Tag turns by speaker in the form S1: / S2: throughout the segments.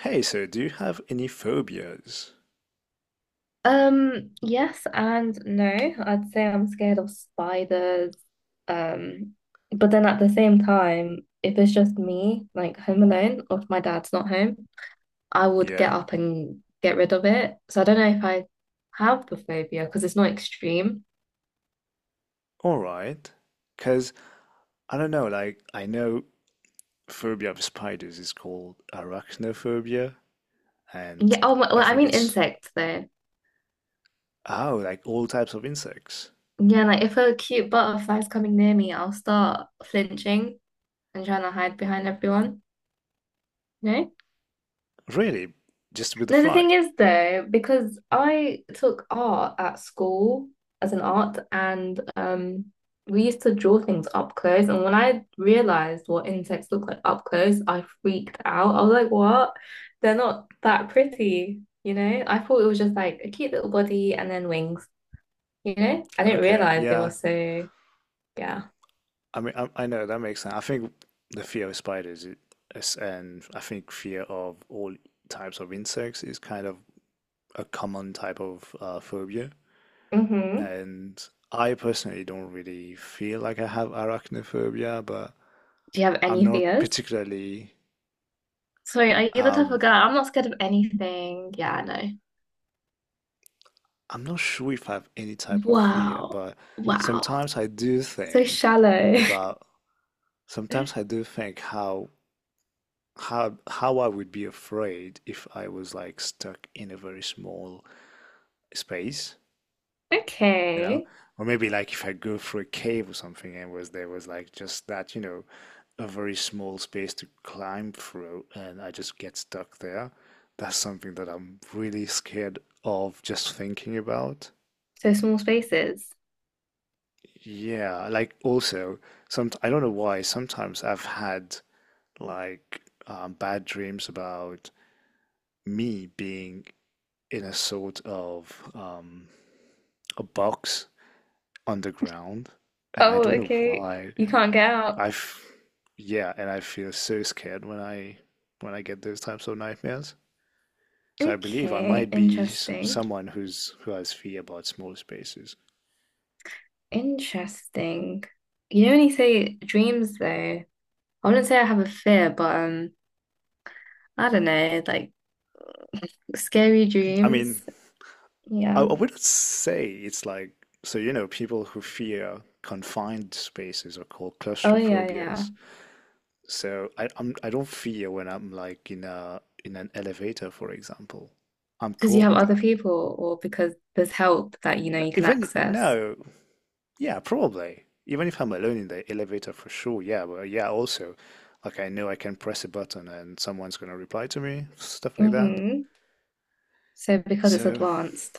S1: Hey, so do you have any phobias?
S2: Yes and no. I'd say I'm scared of spiders. Um, but then at the same time, if it's just me, like home alone, or if my dad's not home, I would get
S1: Yeah,
S2: up and get rid of it. So I don't know if I have the phobia because it's not extreme.
S1: all right. Because, I don't know, like, I know phobia of spiders is called arachnophobia, and
S2: Yeah, oh, well,
S1: I
S2: I
S1: think
S2: mean
S1: it's,
S2: insects though.
S1: oh, like all types of insects.
S2: Yeah, like if a cute butterfly's coming near me, I'll start flinching and trying to hide behind everyone. No?
S1: Really? Just with the
S2: No, the
S1: fly?
S2: thing is though, because I took art at school as an art and we used to draw things up close and when I realized what insects look like up close, I freaked out. I was like, what? They're not that pretty, you know? I thought it was just like a cute little body and then wings, you know? I didn't
S1: Okay,
S2: realize they were
S1: yeah.
S2: so yeah.
S1: I mean, I know that makes sense. I think the fear of spiders is, and I think fear of all types of insects is kind of a common type of phobia.
S2: Mm-hmm.
S1: And I personally don't really feel like I have arachnophobia, but
S2: Do you have
S1: I'm
S2: any
S1: not
S2: fears?
S1: particularly,
S2: Sorry, are you the type
S1: um,
S2: of girl? I'm not scared of anything. Yeah, I know.
S1: I'm not sure if I have any type of fear,
S2: Wow.
S1: but
S2: Wow.
S1: sometimes I do
S2: So
S1: think
S2: shallow.
S1: about, sometimes I do think how I would be afraid if I was like stuck in a very small space. You know?
S2: Okay.
S1: Or maybe like if I go through a cave or something and was there was like just that, you know, a very small space to climb through and I just get stuck there. That's something that I'm really scared of just thinking about.
S2: So small spaces.
S1: Yeah, like also some I don't know why sometimes I've had like bad dreams about me being in a sort of a box underground, and I
S2: Oh,
S1: don't know
S2: okay.
S1: why.
S2: You can't get out.
S1: I, f- yeah, and I feel so scared when I get those types of nightmares. So I believe I
S2: Okay.
S1: might be
S2: Interesting.
S1: someone who has fear about small spaces.
S2: Interesting. You know when you say dreams though, I wouldn't say I have a fear, but I don't know, like scary
S1: I
S2: dreams.
S1: mean, I,
S2: Yeah.
S1: I wouldn't say it's like so you know people who fear confined spaces are called
S2: Oh yeah, yeah.
S1: claustrophobias. So I don't fear when I'm like in an elevator, for example. I'm
S2: Because you
S1: cool
S2: have
S1: with
S2: other
S1: that.
S2: people or because there's help that you know
S1: No,
S2: you can
S1: even
S2: access.
S1: no, yeah, probably. Even if I'm alone in the elevator for sure, yeah, but yeah, also, like I know I can press a button and someone's gonna reply to me, stuff like that.
S2: Mm-hmm. So because it's
S1: So,
S2: advanced.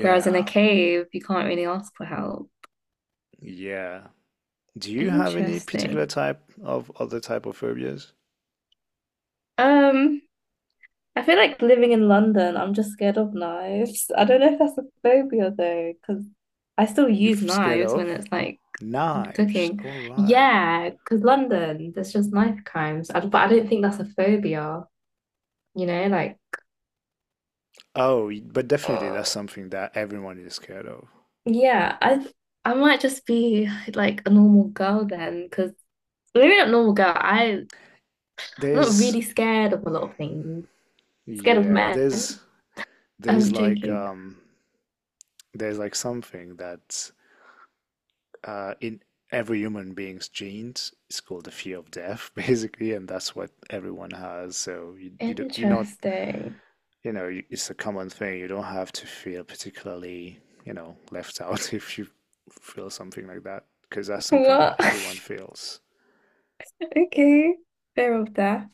S2: Whereas in a cave, you can't really ask for help.
S1: yeah. Do you have any particular
S2: Interesting.
S1: type of other type of phobias
S2: Um, I feel like living in London, I'm just scared of knives. I don't know if that's a phobia though, because I still
S1: you're
S2: use
S1: scared
S2: knives when
S1: of?
S2: it's like
S1: Knives,
S2: cooking.
S1: all right.
S2: Yeah, because London, there's just knife crimes. But I don't think that's a phobia, you know, like
S1: But definitely that's
S2: uh,
S1: something that everyone is scared of.
S2: yeah, I might just be like a normal girl then, because maybe not normal girl. I I'm not
S1: There's,
S2: really scared of a lot of things. Scared of
S1: yeah,
S2: men.
S1: there's
S2: I'm
S1: like,
S2: joking.
S1: um, there's like something that in every human being's genes is called the fear of death, basically, and that's what everyone has. So you're not
S2: Interesting.
S1: you know it's a common thing. You don't have to feel particularly you know left out if you feel something like that because that's something that
S2: What?
S1: everyone feels.
S2: Okay. Fear of death.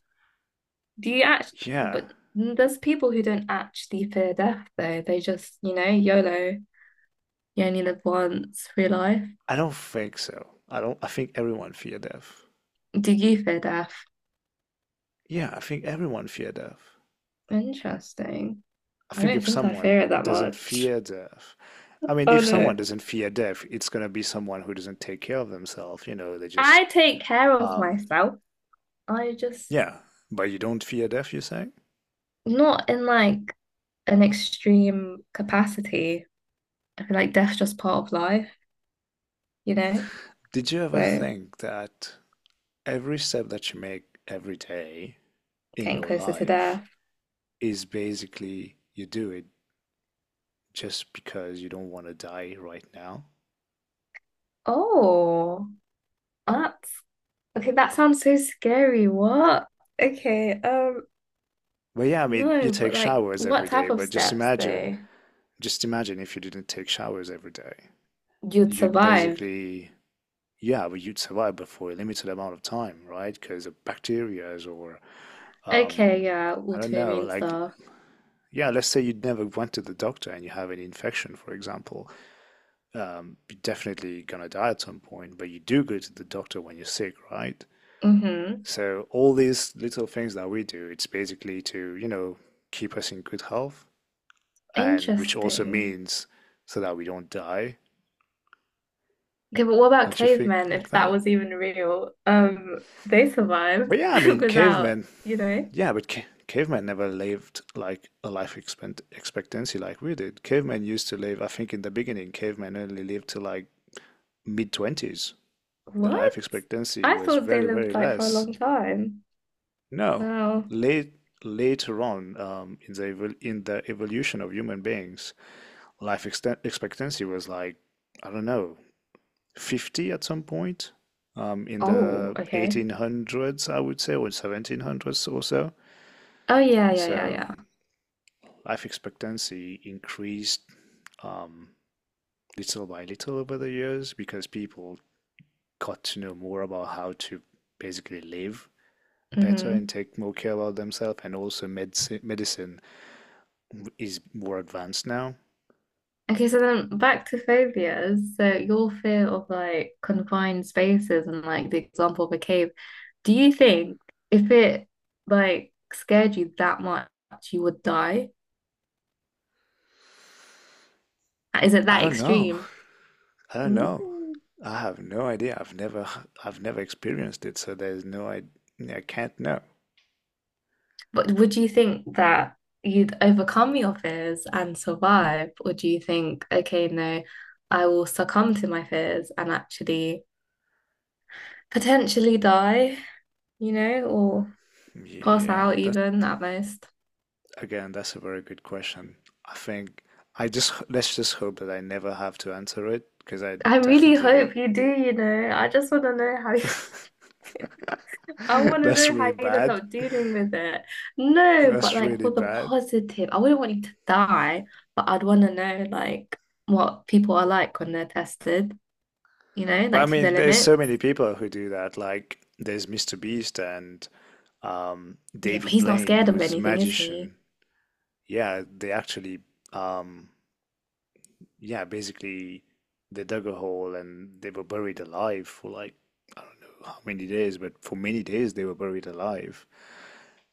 S2: Do you actually,
S1: Yeah,
S2: but there's people who don't actually fear death though. They just, you know, YOLO. You only live once, free life.
S1: I don't think so. I don't. I think everyone fear death.
S2: Do you fear death?
S1: Yeah, I think everyone fear death.
S2: Interesting.
S1: I
S2: I
S1: think
S2: don't
S1: if
S2: think I
S1: someone
S2: fear it that
S1: doesn't
S2: much.
S1: fear death, I mean,
S2: Oh
S1: if someone
S2: no.
S1: doesn't fear death, it's gonna be someone who doesn't take care of themselves. You know, they
S2: I
S1: just,
S2: take care of
S1: um,
S2: myself. I just,
S1: yeah. But you don't fear death, you say?
S2: not in like an extreme capacity. I feel like death's just part of life, you know?
S1: Did you ever
S2: So
S1: think that every step that you make every day in
S2: getting
S1: your
S2: closer to
S1: life
S2: death.
S1: is basically you do it just because you don't want to die right now?
S2: Oh. That's Okay, that sounds so scary. What? Okay,
S1: But yeah, I mean, you
S2: no,
S1: take
S2: but like,
S1: showers
S2: what
S1: every day,
S2: type of
S1: but
S2: steps though?
S1: just imagine if you didn't take showers every day.
S2: You'd
S1: You'd
S2: survive.
S1: basically yeah, but you'd survive but for a limited amount of time, right? Because of bacteria or
S2: Okay,
S1: um,
S2: yeah,
S1: I don't know,
S2: autoimmune
S1: like
S2: stuff.
S1: yeah, let's say you never went to the doctor and you have an infection, for example, you're definitely gonna die at some point. But you do go to the doctor when you're sick, right?
S2: Mm-hmm.
S1: So all these little things that we do, it's basically to you know keep us in good health, and which also
S2: Interesting.
S1: means so that we don't die.
S2: Okay, but what about
S1: Don't you think
S2: cavemen,
S1: like
S2: if that
S1: that?
S2: was even real? They
S1: But
S2: survived
S1: yeah, I mean,
S2: without,
S1: cavemen,
S2: you know,
S1: yeah, but ca cavemen never lived like a life expectancy like we did. Cavemen used to live, I think in the beginning, cavemen only lived to like mid 20s. The
S2: what?
S1: life expectancy
S2: I
S1: was
S2: thought they
S1: very, very
S2: lived like for a
S1: less.
S2: long time.
S1: No,
S2: Wow.
S1: late later on in the evol in the evolution of human beings, life exten expectancy was like, I don't know, 50 at some point. In
S2: Oh,
S1: the
S2: okay.
S1: 1800s, I would say, or 1700s or so.
S2: Oh yeah, yeah, yeah,
S1: So
S2: yeah.
S1: life expectancy increased um, little by little over the years because people got to know more about how to basically live better and
S2: Mm-hmm.
S1: take more care about themselves and also medicine is more advanced now.
S2: Okay, so then back to phobias. So your fear of like confined spaces and like the example of a cave, do you think if it like scared you that much, you would die? Is it
S1: I
S2: that
S1: don't know,
S2: extreme?
S1: I don't know,
S2: Ooh.
S1: I have no idea. I've never experienced it, so there's no I can't know.
S2: But would you think that you'd overcome your fears and survive? Or do you think, okay, no, I will succumb to my fears and actually potentially die, you know, or pass
S1: Yeah,
S2: out
S1: that's,
S2: even at most?
S1: again, that's a very good question. I think I just, let's just hope that I never have to answer it because I
S2: I really
S1: definitely want.
S2: hope you do, you know. I just want to know how you, I want to
S1: That's
S2: know
S1: really
S2: how you'd end
S1: bad.
S2: up dealing with it. No, but
S1: That's
S2: like
S1: really
S2: for the
S1: bad.
S2: positive, I wouldn't want you to die, but I'd want to know like what people are like when they're tested, you know,
S1: But I
S2: like to their
S1: mean, there's
S2: limits.
S1: so many people who do that. Like there's Mr. Beast and
S2: Yeah, but
S1: David
S2: he's not
S1: Blaine,
S2: scared of
S1: who's a
S2: anything, is he?
S1: magician. Yeah, they actually um, yeah, basically they dug a hole and they were buried alive for like I don't know how many days, but for many days they were buried alive.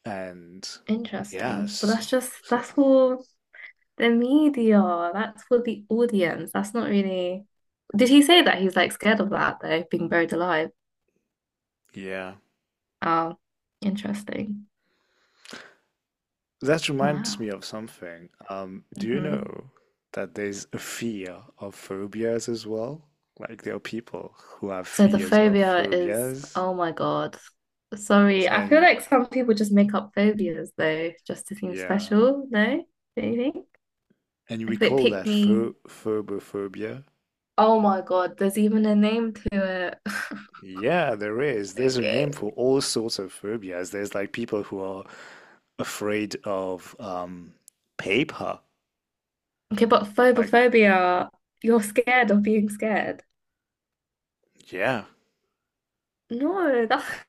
S1: And
S2: Interesting. But
S1: yes,
S2: that's just
S1: so
S2: that's for the media. That's for the audience. That's not really. Did he say that he's like scared of that though, being buried alive?
S1: yeah,
S2: Oh, interesting.
S1: that reminds me
S2: Wow.
S1: of something. Do you
S2: Hmm.
S1: know that there's a fear of phobias as well? Like there are people who have
S2: So the
S1: fears of
S2: phobia is,
S1: phobias,
S2: oh my God. Sorry, I feel
S1: and
S2: like some people just make up phobias though, just to seem
S1: yeah,
S2: special, no? Don't you think?
S1: and we
S2: Like if it
S1: call that
S2: picked me,
S1: phobophobia.
S2: oh my God, there's even a name to it.
S1: Yeah, there is. There's a name
S2: Okay.
S1: for all sorts of phobias. There's like people who are afraid of paper.
S2: Okay, but
S1: Like,
S2: phobophobia, you're scared of being scared.
S1: yeah.
S2: No, that's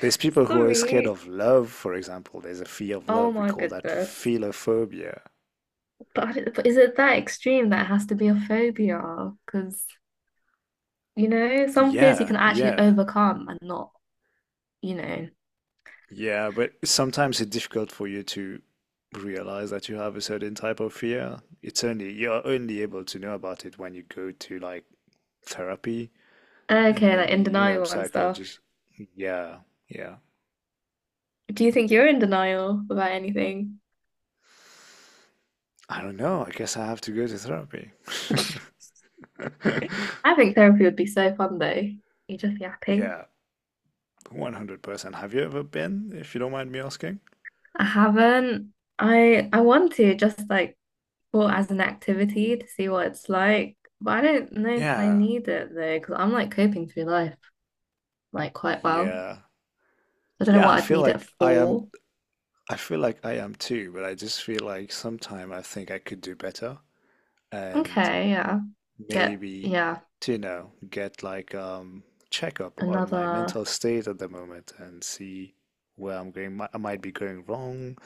S1: There's people who are scared
S2: sorry.
S1: of love, for example. There's a fear of
S2: Oh
S1: love. We
S2: my
S1: call that
S2: goodness.
S1: philophobia.
S2: But I don't- but is it that extreme that it has to be a phobia? Because, you know, some fears you
S1: Yeah,
S2: can actually
S1: yeah,
S2: overcome and not you know
S1: yeah. But sometimes it's difficult for you to realize that you have a certain type of fear. It's only, you're only able to know about it when you go to like therapy and
S2: Okay, like
S1: maybe,
S2: in
S1: you know,
S2: denial and stuff.
S1: psychologist. Yeah, yeah.
S2: Do you think you're in denial about anything?
S1: I don't know. I guess I have to go to therapy.
S2: I think therapy would be so fun though. You're just yapping.
S1: Yeah, 100%. Have you ever been, if you don't mind me asking?
S2: I haven't. I want to just like for as an activity to see what it's like, but I don't know if I
S1: Yeah.
S2: need it though, because I'm like coping through life like quite well.
S1: Yeah.
S2: I don't know
S1: Yeah, I
S2: what I'd
S1: feel
S2: need it
S1: like I am,
S2: for.
S1: I feel like I am too, but I just feel like sometime I think I could do better and
S2: Okay, yeah. Get
S1: maybe
S2: yeah,
S1: to, you know, get like checkup on my
S2: another.
S1: mental state at the moment and see where I'm going. I might be going wrong,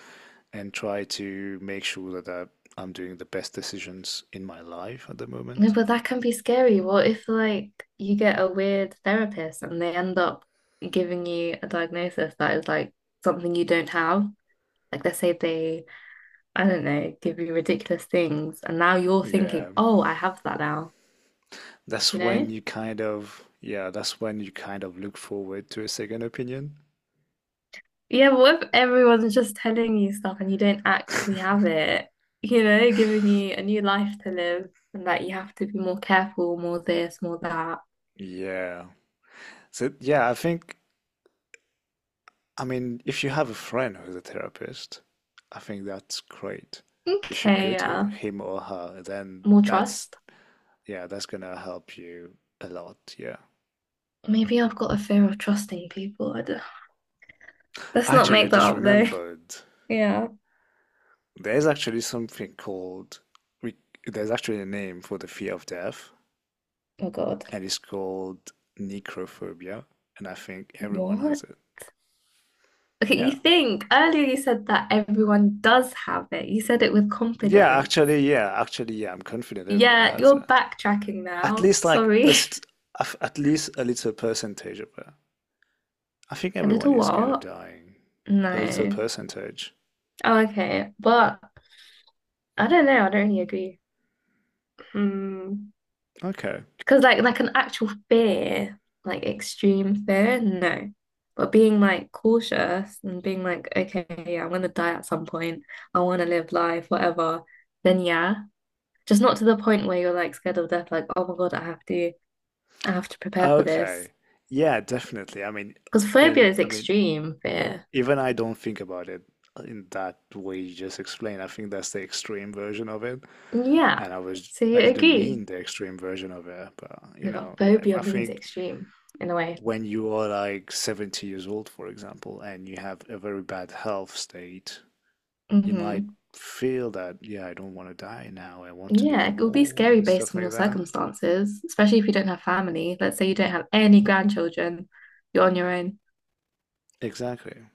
S1: and try to make sure that I'm doing the best decisions in my life at the
S2: No,
S1: moment.
S2: but that can be scary. What if like you get a weird therapist and they end up giving you a diagnosis that is like something you don't have? Like let's say they, I don't know, give you ridiculous things and now you're
S1: Yeah,
S2: thinking, oh, I have that now,
S1: that's
S2: you
S1: when
S2: know?
S1: you kind of, yeah, that's when you kind of look forward to a second opinion.
S2: Yeah, but what if everyone's just telling you stuff and you don't actually have it? You know, giving you a new life to live and that you have to be more careful, more this, more that.
S1: Yeah. So, yeah, I think, I mean, if you have a friend who's a therapist, I think that's great. You should
S2: Okay,
S1: go to
S2: yeah.
S1: him or her. Then
S2: More
S1: that's,
S2: trust.
S1: yeah, that's gonna help you a lot. Yeah.
S2: Maybe I've got a fear of trusting people. I don't, let's not
S1: Actually, I
S2: make that
S1: just
S2: up though.
S1: remembered
S2: Yeah.
S1: there's actually something called, we, there's actually a name for the fear of death,
S2: Oh God.
S1: and it's called necrophobia. And I think everyone
S2: What?
S1: has it.
S2: Okay, you
S1: Yeah.
S2: think earlier you said that everyone does have it. You said it with
S1: Yeah,
S2: confidence.
S1: actually, yeah, actually, yeah, I'm confident everyone
S2: Yeah,
S1: has it.
S2: you're backtracking
S1: At
S2: now.
S1: least like
S2: Sorry.
S1: at least a little percentage of it. I think
S2: A
S1: everyone
S2: little
S1: is scared of
S2: what?
S1: dying. A little
S2: No.
S1: percentage.
S2: Oh, okay. But I don't know. I don't really agree. Hmm.
S1: Okay.
S2: Because like an actual fear, like extreme fear, no. But being like cautious and being like, okay, yeah, I'm gonna die at some point. I wanna live life, whatever. Then yeah. Just not to the point where you're like scared of death, like, oh my God, I have to prepare for
S1: Okay.
S2: this.
S1: Yeah, definitely. I mean,
S2: Because phobia
S1: in,
S2: is
S1: I mean,
S2: extreme fear.
S1: even I don't think about it in that way you just explained. I think that's the extreme version of it.
S2: Yeah.
S1: And I was,
S2: So
S1: I
S2: you
S1: didn't
S2: agree.
S1: mean the extreme version of it, but you
S2: No, but
S1: know, I
S2: phobia means
S1: think
S2: extreme in a way.
S1: when you are like 70 years old, for example, and you have a very bad health state, you might
S2: Hmm.
S1: feel that, yeah, I don't want to die now. I want to
S2: Yeah,
S1: live
S2: it will be
S1: more
S2: scary
S1: and
S2: based
S1: stuff
S2: on your
S1: like that.
S2: circumstances, especially if you don't have family. Let's say you don't have any grandchildren, you're on your own.
S1: Exactly.